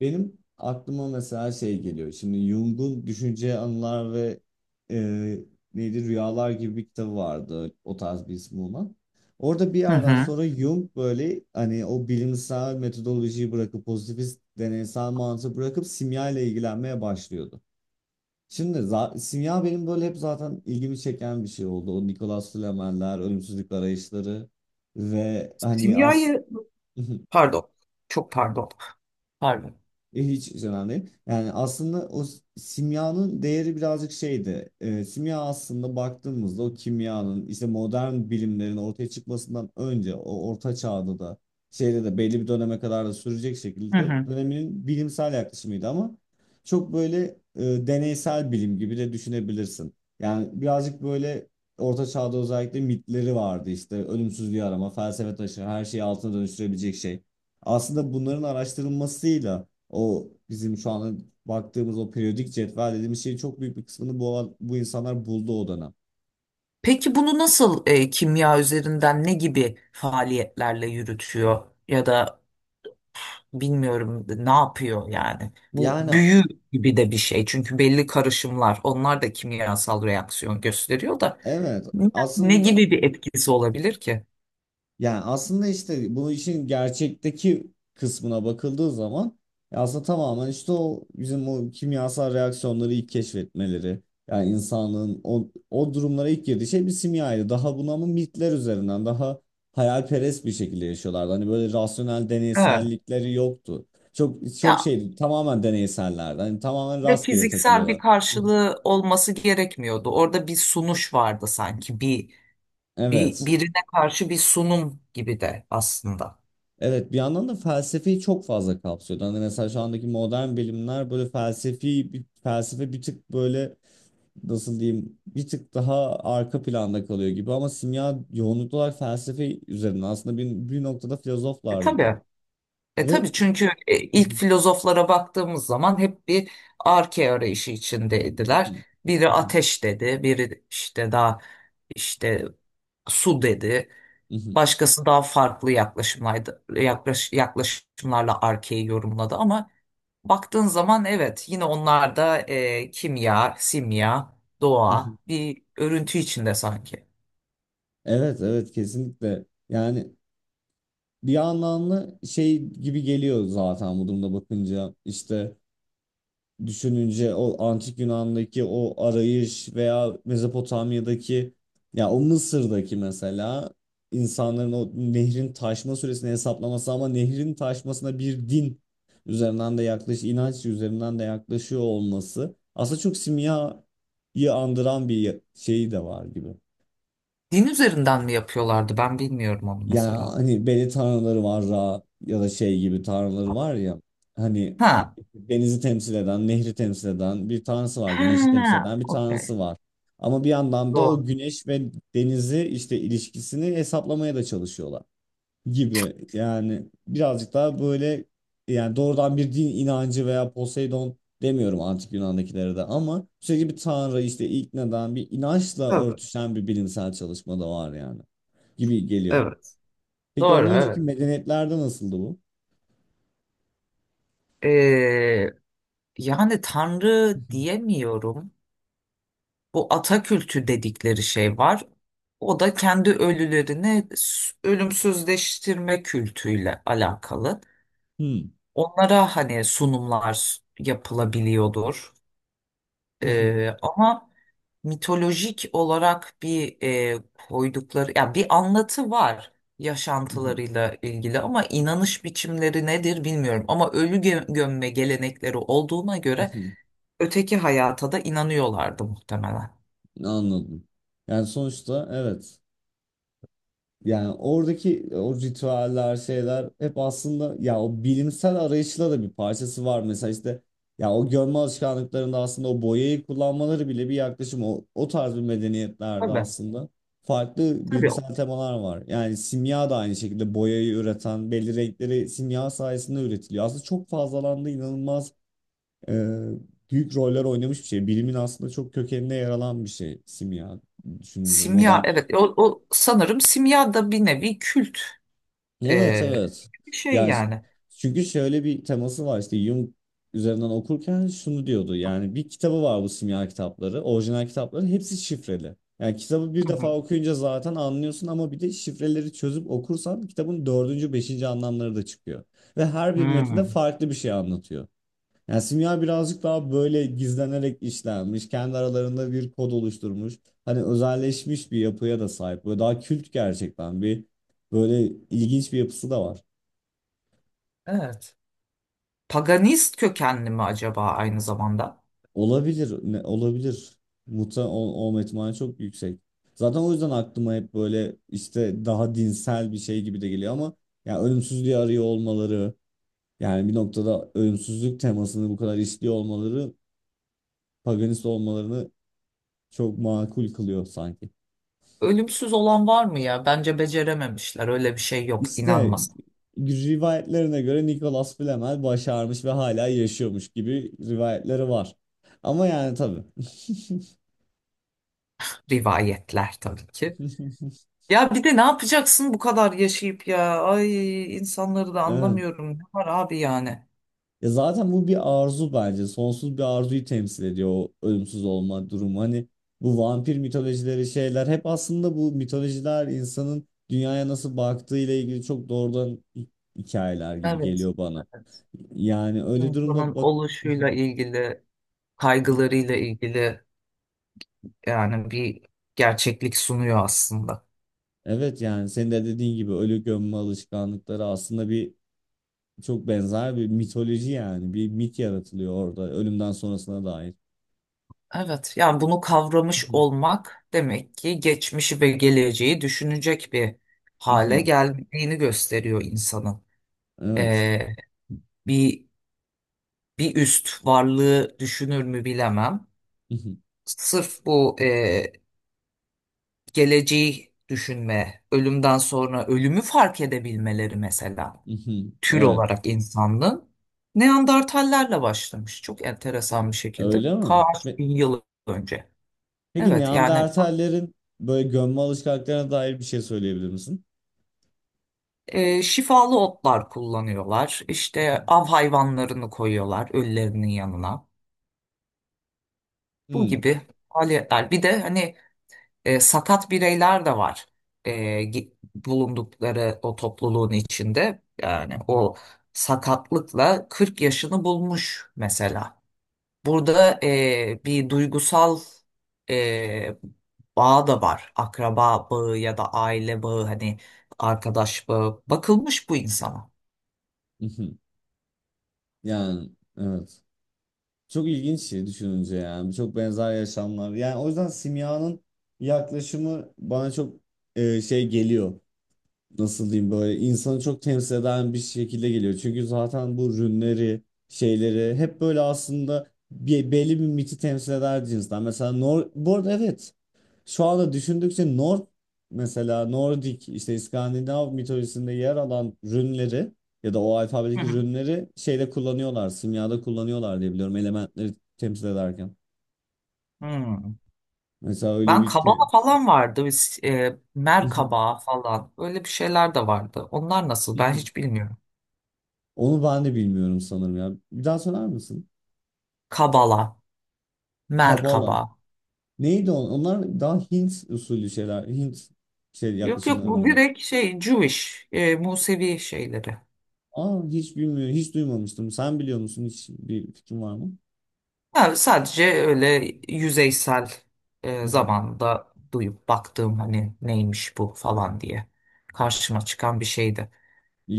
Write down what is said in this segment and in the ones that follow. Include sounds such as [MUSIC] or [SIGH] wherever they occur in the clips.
Benim aklıma mesela şey geliyor. Şimdi Jung'un Düşünce, Anılar ve e, neydi Rüyalar gibi bir kitabı vardı. O tarz bir ismi olan. Orada bir Hı yerden hı. sonra Jung böyle hani o bilimsel metodolojiyi bırakıp pozitivist deneysel mantığı bırakıp simya ile ilgilenmeye başlıyordu. Şimdi simya benim böyle hep zaten ilgimi çeken bir şey oldu. O Nicholas Flamel'ler, ölümsüzlük arayışları ve hani as Kimyayı, [LAUGHS] pardon, çok pardon, pardon. Hiç önemli değil. Yani aslında o simyanın değeri birazcık şeydi. Simya aslında baktığımızda o kimyanın işte modern bilimlerin ortaya çıkmasından önce o orta çağda da şeyde de belli bir döneme kadar da sürecek Hı şekilde hı. döneminin bilimsel yaklaşımıydı ama çok böyle e, deneysel bilim gibi de düşünebilirsin. Yani birazcık böyle orta çağda özellikle mitleri vardı işte ölümsüzlüğü arama, felsefe taşı, her şeyi altına dönüştürebilecek şey. Aslında bunların araştırılmasıyla o bizim şu anda baktığımız o periyodik cetvel dediğimiz şeyin çok büyük bir kısmını bu insanlar buldu o dönem. Peki bunu nasıl kimya üzerinden ne gibi faaliyetlerle yürütüyor ya da bilmiyorum ne yapıyor yani? Bu Yani büyü gibi de bir şey çünkü belli karışımlar onlar da kimyasal reaksiyon gösteriyor da evet ne, ne aslında gibi bir etkisi olabilir ki? Yani aslında işte bu işin gerçekteki kısmına bakıldığı zaman ya aslında tamamen işte o bizim o kimyasal reaksiyonları ilk keşfetmeleri. Yani insanlığın o durumlara ilk girdiği şey bir simyaydı. Daha buna mı mitler üzerinden daha hayalperest bir şekilde yaşıyorlardı. Hani böyle rasyonel Ha. deneysellikleri yoktu. Çok çok Ya şeydi, tamamen deneysellerdi. Hani tamamen ve rastgele fiziksel bir takılıyorlar. [LAUGHS] karşılığı olması gerekmiyordu. Orada bir sunuş vardı sanki bir Evet. birine karşı bir sunum gibi de aslında. Evet, bir yandan da felsefeyi çok fazla kapsıyordu. Hani mesela şu andaki modern bilimler böyle felsefe bir tık böyle nasıl diyeyim bir tık daha arka planda kalıyor gibi ama simya yoğunluklu olarak felsefe üzerine aslında bir noktada E, filozoflardı da. tabii. E tabii Ve çünkü [LAUGHS] ilk filozoflara baktığımız zaman hep bir arke arayışı içindeydiler. Biri ateş dedi, biri işte daha işte su dedi. Başkası daha farklı yaklaşımlardı, yaklaşımlarla arkeyi yorumladı ama baktığın zaman evet yine onlar da kimya, simya, doğa bir örüntü içinde sanki. Evet, evet, kesinlikle. Yani bir anlamda şey gibi geliyor zaten bu durumda bakınca işte düşününce o antik Yunan'daki o arayış veya Mezopotamya'daki ya o Mısır'daki mesela insanların o nehrin taşma süresini hesaplaması ama nehrin taşmasına bir din üzerinden de inanç üzerinden de yaklaşıyor olması aslında çok simyayı andıran bir şeyi de var gibi. Din üzerinden mi yapıyorlardı ben bilmiyorum onu Ya mesela. hani beni tanrıları var Ra ya da şey gibi tanrıları var ya hani Ha. denizi temsil eden, nehri temsil eden bir tanrısı var, güneşi temsil Ha, eden bir okey. tanrısı var. Ama bir yandan da o güneş ve denizi işte ilişkisini hesaplamaya da çalışıyorlar gibi. Yani birazcık daha böyle yani doğrudan bir din inancı veya Poseidon demiyorum antik Yunan'dakilere de ama sürekli bir tanrı işte iknadan bir inançla Tabii, örtüşen bir bilimsel çalışma da var yani gibi geliyor. evet. Peki Doğru, ondan önceki evet. medeniyetlerde nasıldı bu? Ee, yani tanrı diyemiyorum. Bu Atakültü dedikleri şey var. O da kendi ölülerini ölümsüzleştirme kültüyle alakalı. Hmm. Onlara hani sunumlar yapılabiliyordur. [LAUGHS] Ama mitolojik olarak bir e, koydukları ya bir anlatı var yaşantılarıyla ilgili ama inanış biçimleri nedir bilmiyorum ama ölü gömme gelenekleri olduğuna göre öteki hayata da inanıyorlardı muhtemelen. Anladım. Yani sonuçta evet. Yani oradaki o ritüeller şeyler hep aslında ya o bilimsel arayışla da bir parçası var. Mesela işte ya o görme alışkanlıklarında aslında o boyayı kullanmaları bile bir yaklaşım. O tarz bir medeniyetlerde Tabii. aslında farklı Tabii o. bilimsel temalar var. Yani simya da aynı şekilde boyayı üreten belli renkleri simya sayesinde üretiliyor. Aslında çok fazlalandı, inanılmaz e, büyük roller oynamış bir şey. Bilimin aslında çok kökenine yer alan bir şey simya düşününce Simya modern. evet o sanırım simya da bir nevi kült. Evet, Ee, evet. bir şey Yani yani. çünkü şöyle bir teması var işte Jung üzerinden okurken şunu diyordu. Yani bir kitabı var, bu simya kitapları, orijinal kitapları hepsi şifreli. Yani kitabı bir Hı defa hı. okuyunca zaten anlıyorsun ama bir de şifreleri çözüp okursan kitabın dördüncü, beşinci anlamları da çıkıyor. Ve her bir metinde Hmm. farklı bir şey anlatıyor. Yani simya birazcık daha böyle gizlenerek işlenmiş, kendi aralarında bir kod oluşturmuş, hani özelleşmiş bir yapıya da sahip. Böyle daha kült, gerçekten bir böyle ilginç bir yapısı da var. Evet. Paganist kökenli mi acaba aynı zamanda? Olabilir, ne, olabilir. Olma ihtimali çok yüksek. Zaten o yüzden aklıma hep böyle işte daha dinsel bir şey gibi de geliyor ama yani ölümsüzlüğü arıyor olmaları, yani bir noktada ölümsüzlük temasını bu kadar işliyor olmaları, paganist olmalarını çok makul kılıyor sanki. Ölümsüz olan var mı ya? Bence becerememişler. Öyle bir şey yok. İşte İnanmasak. rivayetlerine göre Nicholas Flamel başarmış ve hala yaşıyormuş gibi rivayetleri var. Ama yani tabii. [LAUGHS] Rivayetler tabii ki. Ya bir de ne yapacaksın bu kadar yaşayıp ya? Ay insanları da Evet. anlamıyorum. Ne var abi yani? Ya zaten bu bir arzu bence. Sonsuz bir arzuyu temsil ediyor o ölümsüz olma durumu. Hani bu vampir mitolojileri şeyler hep aslında bu mitolojiler insanın dünyaya nasıl baktığı ile ilgili çok doğrudan hikayeler gibi Evet. geliyor bana. Yani öyle insanın durumda bak oluşuyla ilgili, [LAUGHS] kaygılarıyla ilgili yani bir gerçeklik sunuyor aslında. Evet, yani senin de dediğin gibi ölü gömme alışkanlıkları aslında bir çok benzer bir mitoloji, yani bir mit yaratılıyor orada ölümden sonrasına dair. Evet, yani bunu kavramış olmak demek ki geçmişi ve geleceği düşünecek bir hale Mhm. geldiğini gösteriyor insanın. Evet. Ee, bir bir üst varlığı düşünür mü bilemem. Mhm. Sırf bu geleceği düşünme, ölümden sonra ölümü fark edebilmeleri mesela. Mhm. Tür Evet. olarak insanlığın Neandertallerle başlamış. Çok enteresan bir şekilde. Öyle mi? Kaç bin yıl önce. Peki Evet yani Neandertallerin böyle gömme alışkanlıklarına dair bir şey söyleyebilir misin? Şifalı otlar kullanıyorlar. İşte Mhm. av hayvanlarını koyuyorlar ölülerinin yanına. Bu Hmm. gibi faaliyetler. Bir de hani sakat bireyler de var. E, bulundukları o topluluğun içinde. Yani Mhm. o sakatlıkla 40 yaşını bulmuş mesela. Burada bir duygusal eee bağ da var. Akraba bağı ya da aile bağı hani arkadaş bağı. Bakılmış bu insana. Mhm. Yani evet. Çok ilginç şey düşününce yani. Çok benzer yaşamlar. Yani o yüzden simyanın yaklaşımı bana çok şey geliyor. Nasıl diyeyim, böyle insanı çok temsil eden bir şekilde geliyor. Çünkü zaten bu rünleri, şeyleri hep böyle aslında bir, belli bir miti temsil eder cinsten. Mesela Nor bu arada evet şu anda düşündükçe Nor mesela Nordik işte İskandinav mitolojisinde yer alan rünleri ya da o Hı alfabedeki hı. rünleri şeyde kullanıyorlar, simyada kullanıyorlar diye biliyorum elementleri temsil ederken. Hmm. Mesela öyle Ben bir kaba falan vardı. Mer [LAUGHS] kabağı falan. Öyle bir şeyler de vardı. Onlar nasıl? Ben hiç bilmiyorum. Onu ben de bilmiyorum sanırım ya. Bir daha söyler misin? Kabala, mer Kabala. kabağı. Neydi? Onlar daha Hint usulü şeyler. Hint şey Yok yok yaklaşımları bu mıydı? direkt şey Jewish, Musevi şeyleri. Aa, hiç bilmiyorum. Hiç duymamıştım. Sen biliyor musun? Hiç bir fikrin var mı? Yani sadece öyle yüzeysel [LAUGHS] zamanda duyup baktığım hani neymiş bu falan diye karşıma çıkan bir şeydi.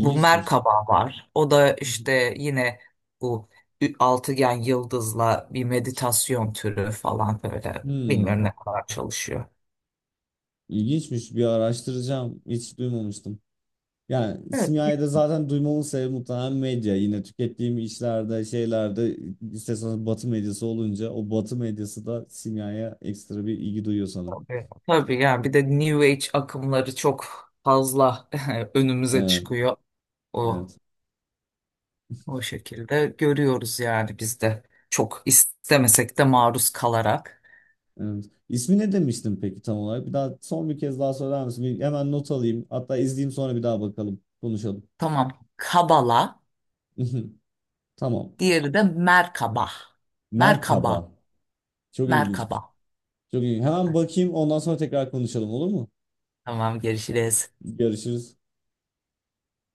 Bu Merkaba var. O da işte yine bu altıgen yıldızla bir meditasyon türü falan böyle. Hmm, Bilmiyorum ne kadar çalışıyor. ilginçmiş. Bir araştıracağım. Hiç duymamıştım. Yani Evet simyayı da zaten duymamın sebebi muhtemelen medya. Yine tükettiğim işlerde, şeylerde isterseniz batı medyası olunca o batı medyası da simyaya ekstra bir ilgi duyuyor sanırım. tabii. Tabii yani bir de New Age akımları çok fazla [LAUGHS] önümüze Evet, çıkıyor. O evet. O şekilde görüyoruz yani biz de çok istemesek de maruz kalarak. Evet. İsmi ne demiştin peki tam olarak? Bir daha, son bir kez daha söyler misin? Bir hemen not alayım. Hatta izleyeyim sonra, bir daha bakalım. Konuşalım. Tamam, kabala, [LAUGHS] Tamam. diğeri de merkaba. Merkaba, Merhaba. Çok ilginçmiş. merkaba. Çok ilginç. Hemen bakayım, ondan sonra tekrar konuşalım, olur mu? Tamam, görüşürüz. Görüşürüz.